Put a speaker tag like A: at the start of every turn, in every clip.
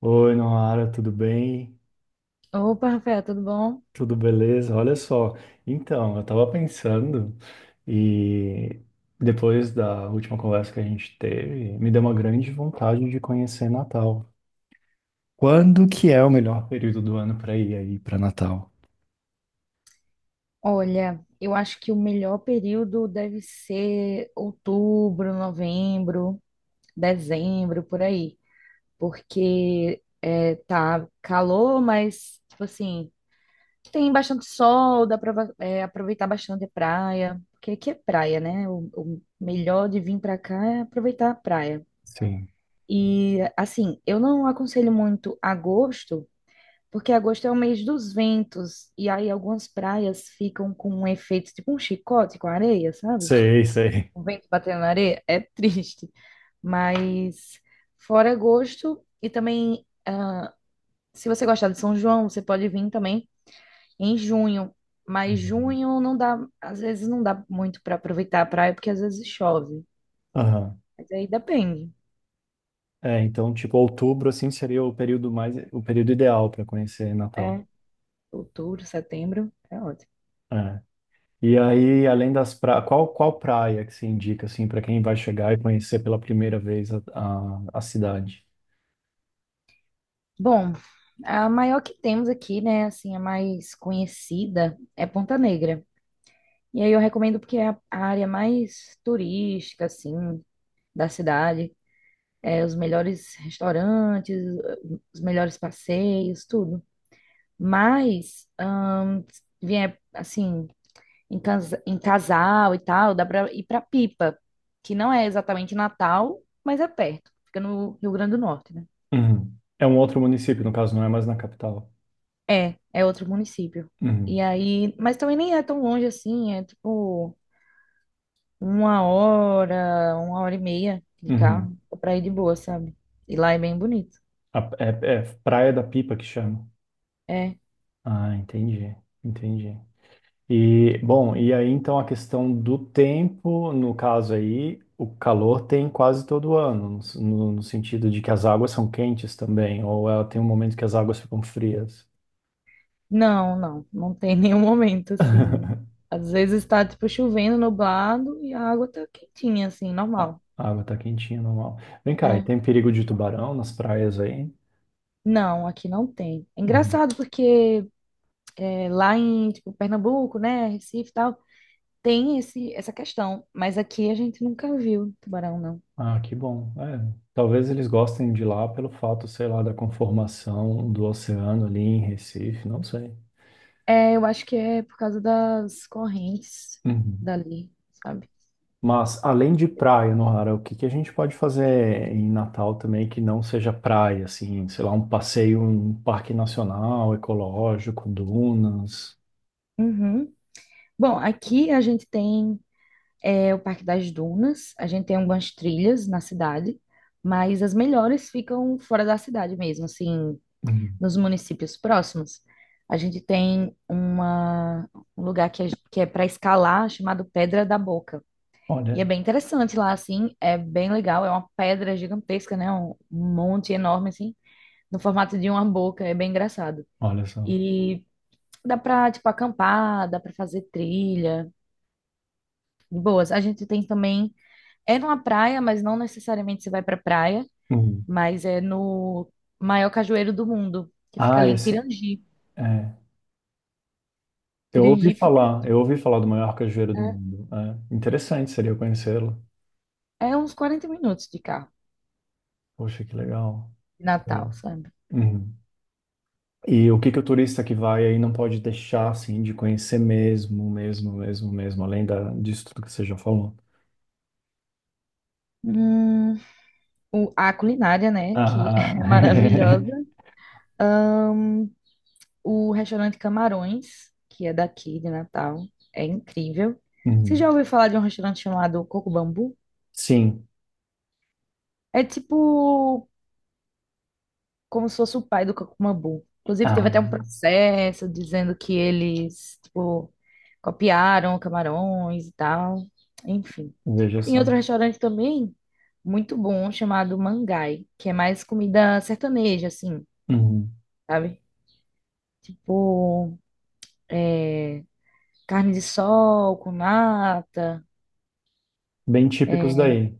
A: Oi, Noara, tudo bem?
B: Opa, Rafael, tudo bom?
A: Tudo beleza? Olha só, então, eu tava pensando e depois da última conversa que a gente teve, me deu uma grande vontade de conhecer Natal. Quando que é o melhor período do ano para ir aí para Natal?
B: Olha, eu acho que o melhor período deve ser outubro, novembro, dezembro, por aí. Porque tá calor, mas, tipo assim, tem bastante sol, dá pra aproveitar bastante a praia. Porque aqui é praia, né? O melhor de vir pra cá é aproveitar a praia.
A: Sim.
B: E, assim, eu não aconselho muito agosto. Porque agosto é o mês dos ventos, e aí algumas praias ficam com um efeito tipo um chicote com areia, sabe?
A: Sei, sei.
B: O vento batendo na areia é triste, mas fora agosto, e também se você gostar de São João, você pode vir também em junho, mas
A: Uhum.
B: junho não dá, às vezes não dá muito para aproveitar a praia, porque às vezes chove,
A: Aham.
B: mas aí depende,
A: É, então, tipo, outubro assim seria o período ideal para conhecer Natal.
B: é outubro, setembro, é ótimo.
A: É. E aí, além das praias, qual praia que você indica, assim, para quem vai chegar e conhecer pela primeira vez a cidade?
B: Bom, a maior que temos aqui, né, assim, a mais conhecida é Ponta Negra. E aí eu recomendo porque é a área mais turística, assim, da cidade. Os melhores restaurantes, os melhores passeios, tudo. Mas, se vier, assim, em casal e tal, dá pra ir pra Pipa, que não é exatamente Natal, mas é perto. Fica no Rio Grande do Norte, né?
A: Uhum. É um outro município, no caso, não é mais na capital.
B: É, é outro município. E
A: Uhum.
B: aí, mas também nem é tão longe assim, é tipo uma hora e meia de carro
A: Uhum.
B: pra ir de boa, sabe? E lá é bem bonito.
A: É, é Praia da Pipa que chama.
B: É.
A: Ah, entendi, entendi. E, bom, e aí, então, a questão do tempo, no caso aí, o calor tem quase todo ano, no sentido de que as águas são quentes também, ou ela tem um momento que as águas ficam frias.
B: Não, não, não tem nenhum momento assim. Às vezes tá tipo chovendo, nublado e a água tá quentinha assim,
A: A
B: normal.
A: a água tá quentinha, normal. Vem cá, e
B: É.
A: tem perigo de tubarão nas praias aí?
B: Não, aqui não tem. É
A: Uhum.
B: engraçado porque lá em tipo, Pernambuco, né, Recife e tal, tem essa questão, mas aqui a gente nunca viu tubarão, não.
A: Ah, que bom. É, talvez eles gostem de lá pelo fato, sei lá, da conformação do oceano ali em Recife, não sei.
B: É, eu acho que é por causa das correntes
A: Uhum.
B: dali, sabe?
A: Mas além de praia, Nohara, o que que a gente pode fazer em Natal também que não seja praia, assim, sei lá, um passeio, um parque nacional, ecológico, dunas?
B: Uhum. Bom, aqui a gente tem o Parque das Dunas, a gente tem algumas trilhas na cidade, mas as melhores ficam fora da cidade mesmo, assim,
A: Uhum.
B: nos municípios próximos. A gente tem uma, um lugar que é para escalar, chamado Pedra da Boca. E é
A: Olha,
B: bem interessante lá, assim, é bem legal, é uma pedra gigantesca, né? Um monte enorme, assim, no formato de uma boca, é bem engraçado.
A: olha só.
B: E dá pra, tipo, acampar, dá pra fazer trilha, de boas. A gente tem também, é numa praia, mas não necessariamente você vai pra praia,
A: Uhum.
B: mas é no maior cajueiro do mundo, que fica
A: Ah,
B: ali em
A: esse.
B: Pirangi.
A: É.
B: Pirangi fica,
A: Eu ouvi falar do maior cajueiro do
B: é
A: mundo. É, interessante seria conhecê-lo.
B: é uns 40 minutos de carro,
A: Poxa, que legal.
B: de
A: Que legal.
B: Natal, sabe?
A: Uhum. E o que que o turista que vai aí não pode deixar assim de conhecer mesmo, mesmo, mesmo, mesmo, além disso tudo que você já falou.
B: Hum, a culinária, né, que
A: Ah,
B: é maravilhosa. O restaurante Camarões, que é daqui de Natal, é incrível. Você
A: uhum.
B: já ouviu falar de um restaurante chamado Coco Bambu?
A: Sim.
B: É tipo como se fosse o pai do Kakumabu. Inclusive, teve
A: Ah,
B: até um processo dizendo que eles, tipo, copiaram camarões e tal. Enfim.
A: veja
B: Tem
A: só.
B: outro restaurante também muito bom chamado Mangai, que é mais comida sertaneja, assim,
A: Uhum.
B: sabe? Tipo, carne de sol com nata.
A: Bem típicos daí.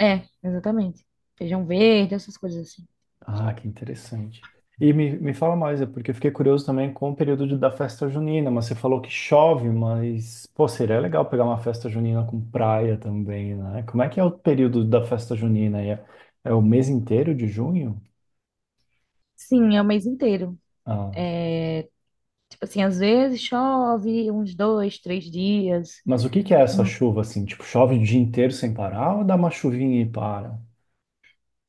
B: É, exatamente. Feijão verde, essas coisas assim.
A: Ah, que interessante. E me fala mais, é porque eu fiquei curioso também com o período da festa junina, mas você falou que chove, mas, pô, seria legal pegar uma festa junina com praia também, né? Como é que é o período da festa junina? É, é o mês inteiro de junho?
B: Sim, é o mês inteiro.
A: Ah,
B: Tipo assim, às vezes chove uns dois, três dias.
A: mas o que que é essa chuva, assim? Tipo, chove o dia inteiro sem parar ou dá uma chuvinha e para?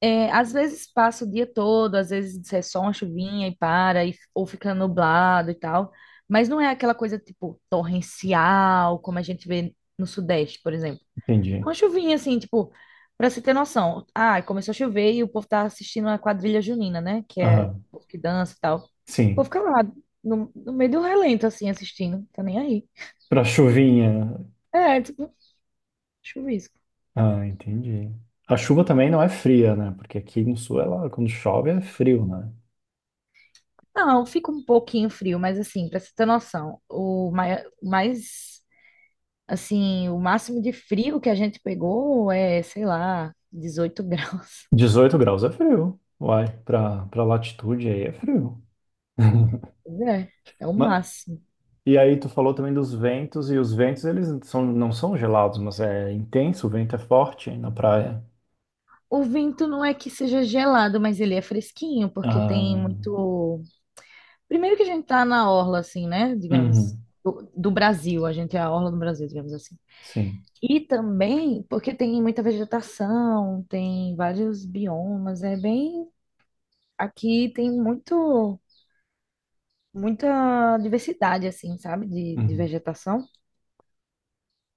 B: É, às vezes passa o dia todo, às vezes é só uma chuvinha e para, ou fica nublado e tal. Mas não é aquela coisa, tipo, torrencial, como a gente vê no Sudeste, por exemplo.
A: Entendi.
B: Uma chuvinha, assim, tipo, pra você ter noção. Ah, começou a chover e o povo tá assistindo a quadrilha junina, né? Que é
A: Ah,
B: o povo que dança e tal. O povo
A: sim,
B: fica lá, no meio do relento, assim, assistindo. Tá nem aí.
A: pra chuvinha.
B: É, tipo, chuvisco.
A: Ah, entendi. A chuva também não é fria, né? Porque aqui no sul, ela, quando chove, é frio, né?
B: Não, fica um pouquinho frio, mas assim, pra você ter noção, o o máximo de frio que a gente pegou é, sei lá, 18 graus.
A: 18 graus é frio. Uai, pra latitude aí é frio.
B: Pois é, é o
A: Ma-
B: máximo.
A: E aí tu falou também dos ventos, e os ventos não são gelados, mas é intenso, o vento é forte na praia.
B: O vento não é que seja gelado, mas ele é fresquinho, porque tem
A: Ah,
B: muito. Primeiro que a gente tá na orla, assim, né? Digamos,
A: uhum,
B: do Brasil, a gente é a orla do Brasil, digamos assim.
A: sim.
B: E também porque tem muita vegetação, tem vários biomas, é bem. Aqui tem muita diversidade, assim, sabe? De
A: Uhum.
B: vegetação.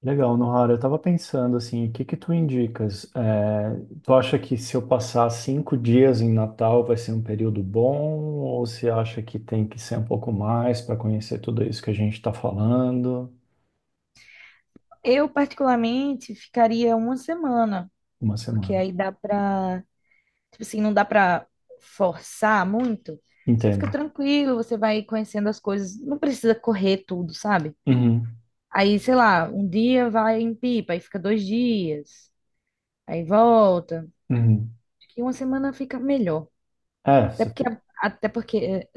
A: Legal, Nohara, eu tava pensando assim, o que que tu indicas? É, tu acha que se eu passar 5 dias em Natal vai ser um período bom, ou você acha que tem que ser um pouco mais para conhecer tudo isso que a gente está falando?
B: Eu, particularmente, ficaria uma semana,
A: Uma
B: porque
A: semana.
B: aí dá pra, tipo assim, não dá pra forçar muito. Você
A: Entendo.
B: fica tranquilo, você vai conhecendo as coisas, não precisa correr tudo, sabe?
A: Uhum,
B: Aí, sei lá, um dia vai em Pipa, aí fica dois dias, aí volta.
A: uhum.
B: Acho que uma semana fica melhor.
A: É,
B: Até
A: você
B: porque,
A: fi-
B: até porque,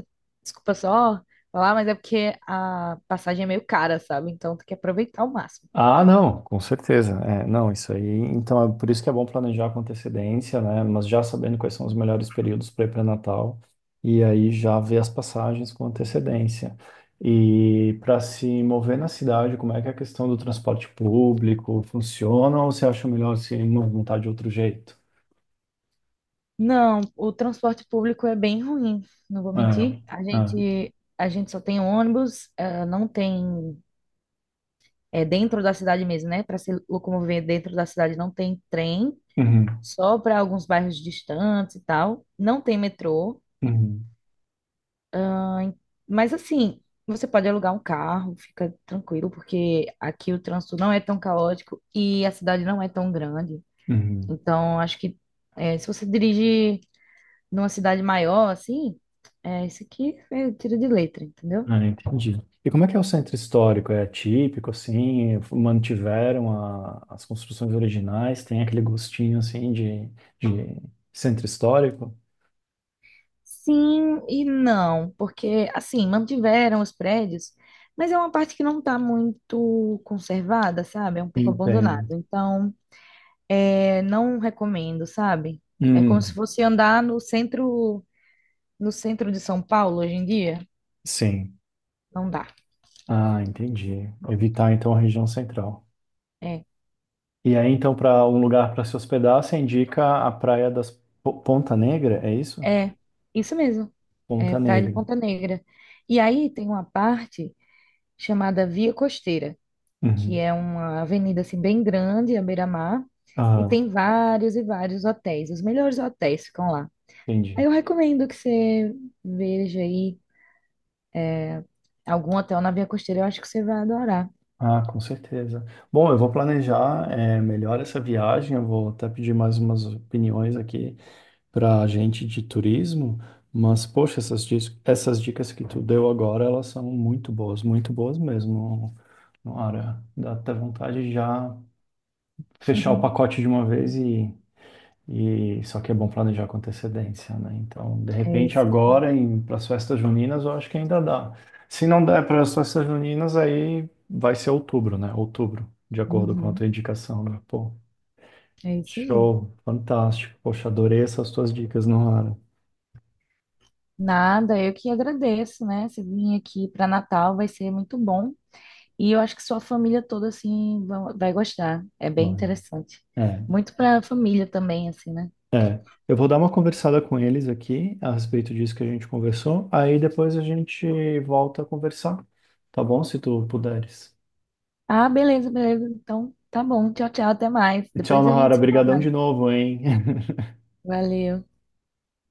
B: desculpa só falar, mas é porque a passagem é meio cara, sabe? Então tem que aproveitar ao máximo.
A: ah, não, com certeza. É, não, isso aí. Então, é por isso que é bom planejar com antecedência, né? Mas já sabendo quais são os melhores períodos para ir para Natal, e aí já ver as passagens com antecedência. E para se mover na cidade, como é que é a questão do transporte público funciona, ou você acha melhor se movimentar de outro jeito?
B: Não, o transporte público é bem ruim, não vou
A: É,
B: mentir. A
A: é.
B: gente, a gente só tem ônibus, não tem, é dentro da cidade mesmo, né? Para se locomover dentro da cidade não tem trem,
A: Uhum,
B: só para alguns bairros distantes e tal. Não tem metrô,
A: uhum,
B: ah, mas assim, você pode alugar um carro, fica tranquilo, porque aqui o trânsito não é tão caótico e a cidade não é tão grande.
A: uhum.
B: Então, acho que se você dirige numa cidade maior, assim, é, isso aqui eu tiro de letra, entendeu?
A: Ah, entendi. E como é que é o centro histórico? É típico, assim? Mantiveram as construções originais? Tem aquele gostinho, assim, de centro histórico?
B: Sim e não, porque, assim, mantiveram os prédios, mas é uma parte que não está muito conservada, sabe? É um pouco abandonado.
A: Entendo.
B: Então, é, não recomendo, sabe? É como se
A: Hum,
B: fosse andar no centro de São Paulo hoje em dia.
A: sim.
B: Não dá.
A: Ah, entendi. Evitar, então, a região central.
B: É,
A: E aí, então, para um lugar para se hospedar, você indica a Praia das Ponta Negra, é isso?
B: é, isso mesmo. É
A: Ponta
B: Praia de
A: Negra.
B: Ponta Negra. E aí tem uma parte chamada Via Costeira, que
A: Uhum.
B: é uma avenida assim bem grande, à beira-mar, e
A: Ah,
B: tem vários e vários hotéis. Os melhores hotéis ficam lá. Aí
A: entendi.
B: eu recomendo que você veja aí algum hotel na Via Costeira, eu acho que você vai adorar.
A: Ah, com certeza. Bom, eu vou planejar melhor essa viagem. Eu vou até pedir mais umas opiniões aqui para a gente de turismo. Mas, poxa, essas dicas que tu deu agora, elas são muito boas mesmo. Nora, dá até vontade de já fechar o pacote de uma vez e só que é bom planejar com antecedência, né? Então, de
B: É
A: repente,
B: isso.
A: agora para as festas juninas, eu acho que ainda dá. Se não der para as festas juninas, aí vai ser outubro, né? Outubro, de acordo com a
B: Uhum,
A: tua indicação, né? Pô,
B: é isso aí.
A: show, fantástico. Poxa, adorei essas tuas dicas, Nohara.
B: Nada, eu que agradeço, né? Você vir aqui para Natal vai ser muito bom. E eu acho que sua família toda, assim, vai gostar. É bem
A: Vai.
B: interessante.
A: É,
B: Muito para a família também, assim, né?
A: é. Eu vou dar uma conversada com eles aqui a respeito disso que a gente conversou. Aí depois a gente volta a conversar, tá bom? Se tu puderes.
B: Ah, beleza, beleza. Então, tá bom. Tchau, tchau. Até mais.
A: Tchau,
B: Depois a
A: Nohara.
B: gente se fala
A: Obrigadão
B: mais.
A: de novo, hein?
B: Valeu.